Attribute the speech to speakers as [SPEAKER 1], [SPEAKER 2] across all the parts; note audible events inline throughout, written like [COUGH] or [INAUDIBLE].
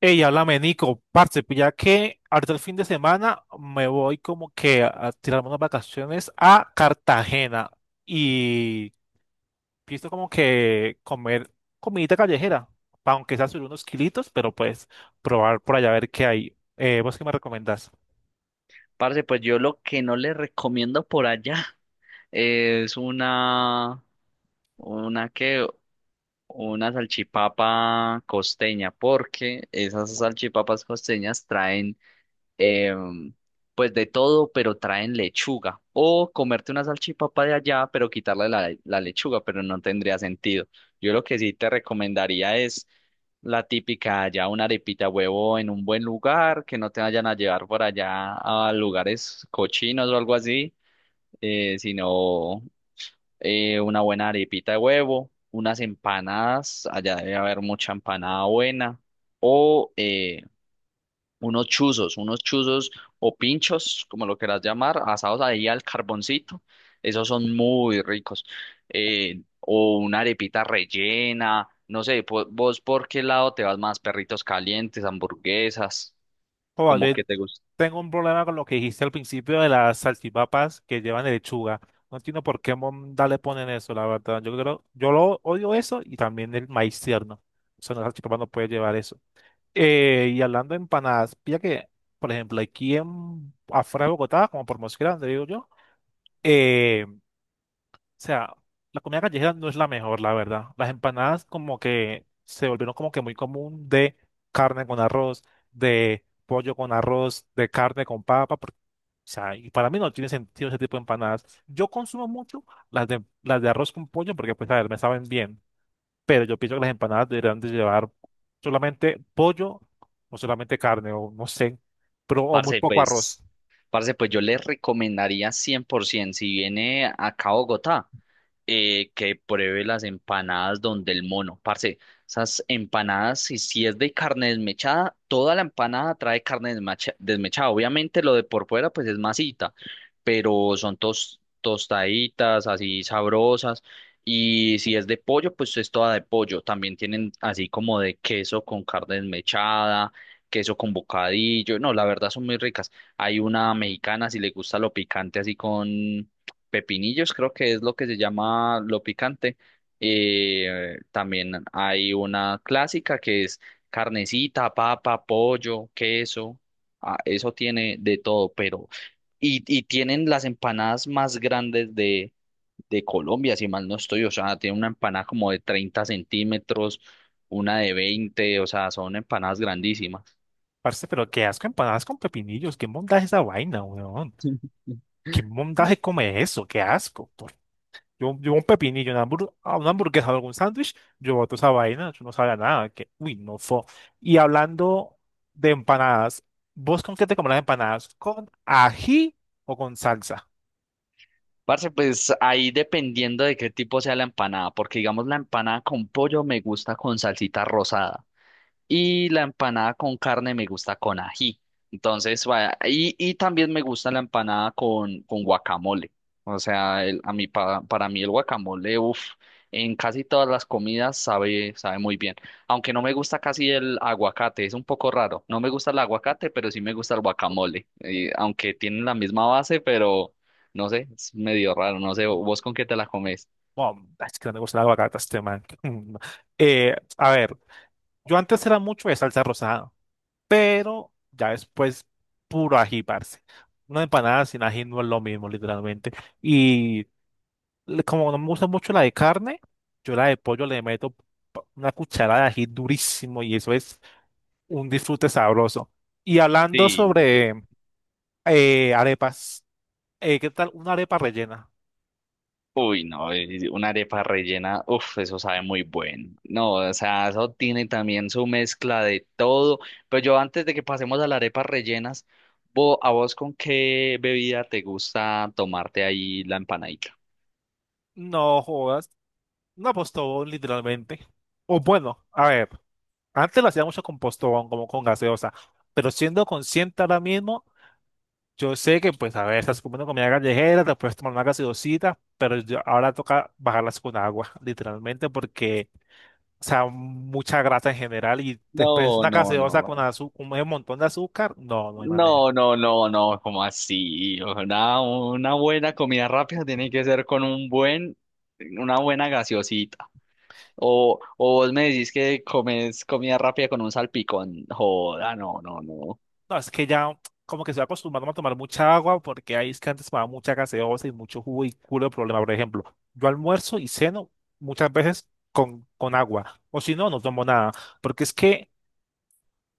[SPEAKER 1] Ey, háblame, Nico, parce, pues ya que ahorita el fin de semana me voy como que a tirarme unas vacaciones a Cartagena y pienso como que comer comidita callejera, pa' aunque sea subir unos kilitos, pero pues probar por allá a ver qué hay. ¿Vos qué me recomendás?
[SPEAKER 2] Parce, pues yo lo que no le recomiendo por allá [LAUGHS] es una que, una salchipapa costeña, porque esas salchipapas costeñas traen em, pues de todo, pero traen lechuga. O comerte una salchipapa de allá, pero quitarle la lechuga, pero no tendría sentido. Yo lo que sí te recomendaría es la típica allá, una arepita de huevo en un buen lugar, que no te vayan a llevar por allá a lugares cochinos o algo así, sino una buena arepita de huevo, unas empanadas, allá debe haber mucha empanada buena, o unos chuzos o pinchos, como lo quieras llamar, asados ahí al carboncito. Esos son muy ricos. O una arepita rellena, no sé, vos por qué lado te vas más, perritos calientes, hamburguesas,
[SPEAKER 1] Joa,
[SPEAKER 2] como
[SPEAKER 1] yo
[SPEAKER 2] que te gusta.
[SPEAKER 1] tengo un problema con lo que dijiste al principio de las salchipapas que llevan lechuga. No entiendo por qué monda le ponen eso, la verdad. Yo creo, yo lo odio eso y también el maíz tierno. O sea, una salchipapa no puede llevar eso. Y hablando de empanadas, pilla que, por ejemplo, aquí afuera de Bogotá, como por Mosquera, donde digo yo, o sea, la comida callejera no es la mejor, la verdad. Las empanadas como que se volvieron como que muy común de carne con arroz, de pollo con arroz, de carne con papa, porque, o sea, y para mí no tiene sentido ese tipo de empanadas. Yo consumo mucho las de arroz con pollo porque, pues, a ver, me saben bien, pero yo pienso que las empanadas deberían de llevar solamente pollo o solamente carne o no sé, pero o muy
[SPEAKER 2] Parce,
[SPEAKER 1] poco arroz.
[SPEAKER 2] pues, parce, pues, yo les recomendaría 100%, si viene acá a Bogotá, que pruebe las empanadas donde el mono. Parce, esas empanadas, si es de carne desmechada, toda la empanada trae carne desmechada. Obviamente lo de por fuera pues es masita, pero son tostaditas, así sabrosas. Y si es de pollo, pues es toda de pollo. También tienen así como de queso con carne desmechada, queso con bocadillo. No, la verdad son muy ricas. Hay una mexicana, si le gusta lo picante así con pepinillos, creo que es lo que se llama lo picante. También hay una clásica que es carnecita, papa, pollo, queso. Ah, eso tiene de todo, pero. Y tienen las empanadas más grandes de Colombia, si mal no estoy. O sea, tiene una empanada como de 30 centímetros, una de veinte. O sea, son empanadas grandísimas.
[SPEAKER 1] Parce, pero qué asco empanadas con pepinillos, qué mondaje esa vaina, weón.
[SPEAKER 2] [LAUGHS]
[SPEAKER 1] Qué mondaje come eso, qué asco. Yo un pepinillo, a una hamburguesa o algún sándwich, yo boto esa vaina, yo no sabía nada, que uy, no fue. Y hablando de empanadas, ¿vos con qué te comes las empanadas? ¿Con ají o con salsa?
[SPEAKER 2] Parce, pues ahí dependiendo de qué tipo sea la empanada, porque digamos la empanada con pollo me gusta con salsita rosada. Y la empanada con carne me gusta con ají. Entonces, vaya, y también me gusta la empanada con guacamole. O sea, a mí, para mí el guacamole, uff, en casi todas las comidas sabe muy bien. Aunque no me gusta casi el aguacate, es un poco raro. No me gusta el aguacate, pero sí me gusta el guacamole. Y aunque tienen la misma base, pero no sé, es medio raro. No sé, ¿vos con qué te la comes?
[SPEAKER 1] Bueno, es que no me gusta la aguacate a este man. [LAUGHS] A ver, yo antes era mucho de salsa rosada, pero ya después puro ají, parce. Una empanada sin ají no es lo mismo, literalmente. Y como no me gusta mucho la de carne, yo la de pollo le meto una cucharada de ají durísimo y eso es un disfrute sabroso. Y hablando
[SPEAKER 2] Sí, sí.
[SPEAKER 1] sobre arepas, ¿qué tal una arepa rellena?
[SPEAKER 2] Uy, no, y una arepa rellena, uff, eso sabe muy bueno. No, o sea, eso tiene también su mezcla de todo. Pero yo antes de que pasemos a las arepas rellenas, ¿a vos con qué bebida te gusta tomarte ahí la empanadita?
[SPEAKER 1] No jodas, un apostón, literalmente. O bueno, a ver. Antes lo hacía mucho con postón, como con gaseosa, pero siendo consciente ahora mismo, yo sé que, pues, a ver, estás comiendo comida callejera, te puedes tomar una gaseosita, pero ahora toca bajarlas con agua, [LAUGHS] literalmente, porque, o sea, mucha grasa en general y después
[SPEAKER 2] No,
[SPEAKER 1] una
[SPEAKER 2] no,
[SPEAKER 1] gaseosa con
[SPEAKER 2] no.
[SPEAKER 1] con un montón de azúcar, no, no hay manera.
[SPEAKER 2] No, no, no, no, ¿como así? Una buena comida rápida tiene que ser con un buen, una buena gaseosita. O vos me decís que comes comida rápida con un salpicón. Joda, no, no, no.
[SPEAKER 1] No, es que ya como que estoy acostumbrado a tomar mucha agua porque ahí es que antes tomaba mucha gaseosa y mucho jugo y culo de problema. Por ejemplo, yo almuerzo y ceno muchas veces con agua. O si no, no tomo nada. Porque es que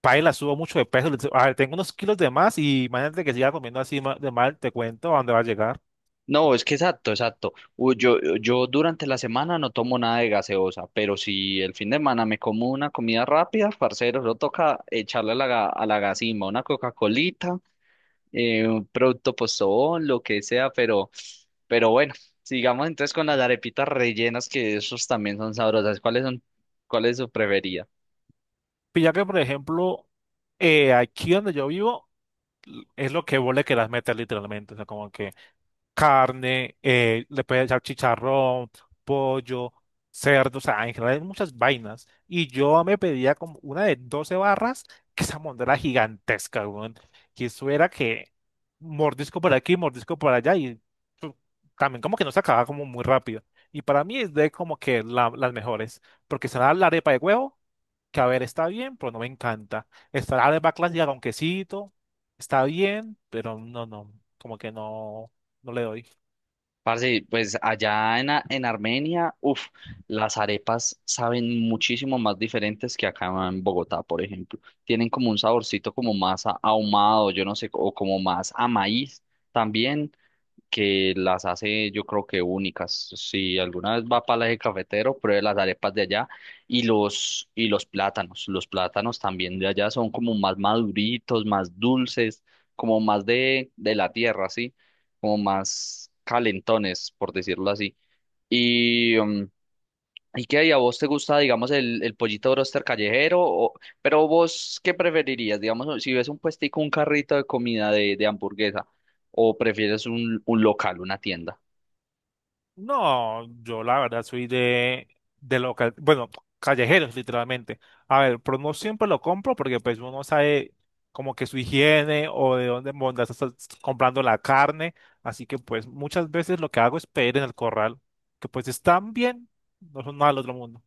[SPEAKER 1] paila, subo mucho de peso. A ver, tengo unos kilos de más y imagínate que siga comiendo así de mal, te cuento a dónde va a llegar.
[SPEAKER 2] No, es que exacto, exacto. Yo durante la semana no tomo nada de gaseosa, pero si el fin de semana me como una comida rápida, parcero, no toca echarle a la gasima una Coca-Colita, un producto postobón, lo que sea, pero bueno, sigamos entonces con las arepitas rellenas, que esos también son sabrosas. ¿Cuál es su preferida?
[SPEAKER 1] Pilla que, por ejemplo, aquí donde yo vivo es lo que vos le querás meter literalmente. O sea, como que carne, le puedes echar chicharrón, pollo, cerdo, o sea, en general hay muchas vainas. Y yo me pedía como una de 12 barras, que esa monda era gigantesca, weón. Y eso era que mordisco por aquí, mordisco por allá, y pu- también como que no se acababa como muy rápido. Y para mí es de como que las mejores, porque está la arepa de huevo, que a ver, está bien, pero no me encanta. Está la arepa clásica con quesito, está bien, pero no, no, como que no, no le doy.
[SPEAKER 2] Parce, pues allá en Armenia, uff, las arepas saben muchísimo más diferentes que acá en Bogotá, por ejemplo. Tienen como un saborcito como más ahumado, yo no sé, o como más a maíz también que las hace yo creo que únicas. Si alguna vez va para el eje cafetero, pruebe las arepas de allá y los plátanos. Los plátanos también de allá son como más maduritos, más dulces, como más de la tierra, ¿sí? Como más calentones, por decirlo así. Y, mm, ¿Y qué? ¿Y a vos te gusta, digamos, el pollito broster callejero? Pero vos, ¿qué preferirías? Digamos, si ves un puestico, un carrito de comida de hamburguesa, o prefieres un local, una tienda.
[SPEAKER 1] No, yo la verdad soy de local, bueno, callejeros literalmente. A ver, pero no siempre lo compro porque pues uno no sabe como que su higiene o de dónde mondas estás comprando la carne. Así que pues muchas veces lo que hago es pedir en el corral, que pues están bien, no son nada del otro mundo.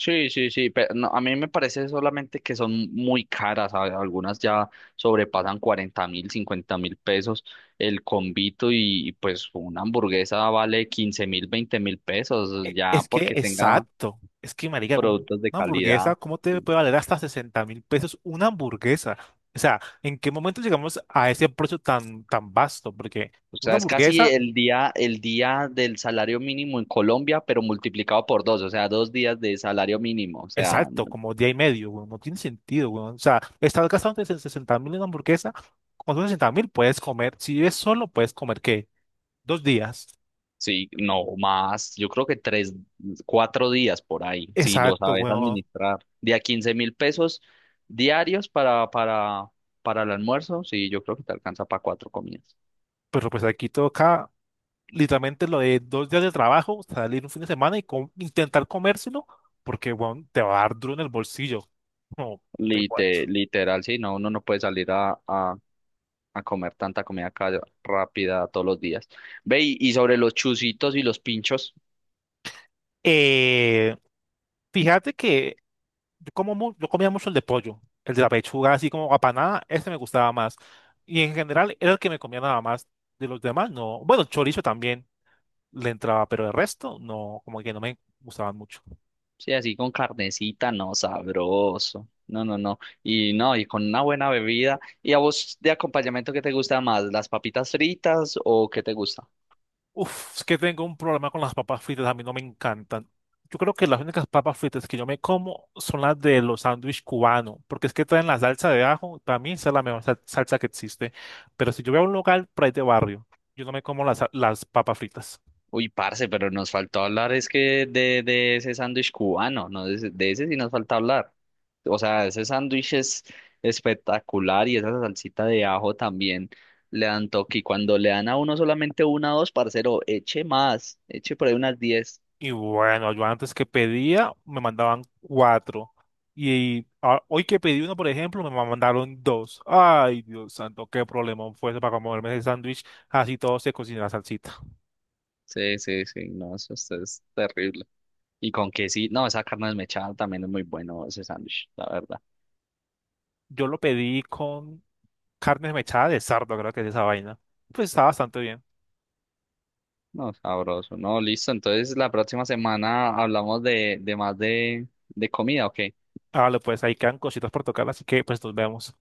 [SPEAKER 2] Sí, sí, sí, pero no, a mí me parece solamente que son muy caras, algunas ya sobrepasan 40 mil, 50 mil pesos el combito pues una hamburguesa vale 15 mil, 20 mil pesos, ya
[SPEAKER 1] Es que,
[SPEAKER 2] porque tenga
[SPEAKER 1] exacto. Es que, marica, con
[SPEAKER 2] productos de
[SPEAKER 1] una
[SPEAKER 2] calidad.
[SPEAKER 1] hamburguesa, ¿cómo te puede
[SPEAKER 2] Sí.
[SPEAKER 1] valer hasta 60.000 pesos una hamburguesa? O sea, ¿en qué momento llegamos a ese precio tan, tan vasto? Porque
[SPEAKER 2] O
[SPEAKER 1] una
[SPEAKER 2] sea, es casi
[SPEAKER 1] hamburguesa,
[SPEAKER 2] el día del salario mínimo en Colombia, pero multiplicado por dos, o sea, dos días de salario mínimo. O sea,
[SPEAKER 1] exacto, como día y medio, weón, no tiene sentido, weón. O sea, estás gastando 60.000 en una hamburguesa, con esos 60 mil puedes comer, si vives solo, puedes comer, ¿qué? 2 días.
[SPEAKER 2] sí, no más, yo creo que tres, cuatro días por ahí, si lo
[SPEAKER 1] Exacto,
[SPEAKER 2] sabes
[SPEAKER 1] weón.
[SPEAKER 2] administrar. De a 15 mil pesos diarios para el almuerzo, sí, yo creo que te alcanza para cuatro comidas.
[SPEAKER 1] Pero pues aquí toca literalmente lo de 2 días de trabajo, salir un fin de semana y intentar comérselo, porque bueno, te va a dar duro en el bolsillo. No, te
[SPEAKER 2] Lite-
[SPEAKER 1] cuento.
[SPEAKER 2] literal, sí, no, uno no puede salir a comer tanta comida rápida todos los días. Ve, y sobre los chuzitos y los pinchos.
[SPEAKER 1] Eh, Fíjate que yo, como, yo comía mucho el de pollo, el de la pechuga, así como apanada, ese me gustaba más. Y en general era el que me comía nada más. De los demás, no. Bueno, chorizo también le entraba, pero el resto, no, como que no me gustaban mucho.
[SPEAKER 2] Sí, así con carnecita, no, sabroso. No, no, no. Y no, y con una buena bebida. ¿Y a vos de acompañamiento qué te gusta más? ¿Las papitas fritas o qué te gusta?
[SPEAKER 1] Uf, es que tengo un problema con las papas fritas, a mí no me encantan. Yo creo que las únicas papas fritas que yo me como son las de los sándwiches cubanos, porque es que traen la salsa de ajo, para mí esa es la mejor salsa que existe. Pero si yo voy a un local por ahí de barrio, yo no me como las papas fritas.
[SPEAKER 2] Uy, parce, pero nos faltó hablar es que de ese sándwich cubano, ¿no? De ese sí nos falta hablar. O sea, ese sándwich es espectacular y esa salsita de ajo también le dan toque. Y cuando le dan a uno solamente una o dos, parcero, eche más, eche por ahí unas diez.
[SPEAKER 1] Y bueno, yo antes que pedía, me mandaban cuatro. Y ah, hoy que pedí uno, por ejemplo, me mandaron dos. Ay, Dios santo, qué problema fue ese para comerme ese sándwich. Así todo se cocina la salsita.
[SPEAKER 2] Sí, sí, sí, no, eso es terrible. Y con que sí, no, esa carne desmechada también es muy bueno ese sándwich, la verdad.
[SPEAKER 1] Yo lo pedí con carne mechada de sardo, creo que es esa vaina. Pues está bastante bien.
[SPEAKER 2] No, sabroso. No, listo. Entonces la próxima semana hablamos de más de comida, ¿ok?
[SPEAKER 1] Vale, pues ahí quedan cositas por tocar, así que pues nos vemos.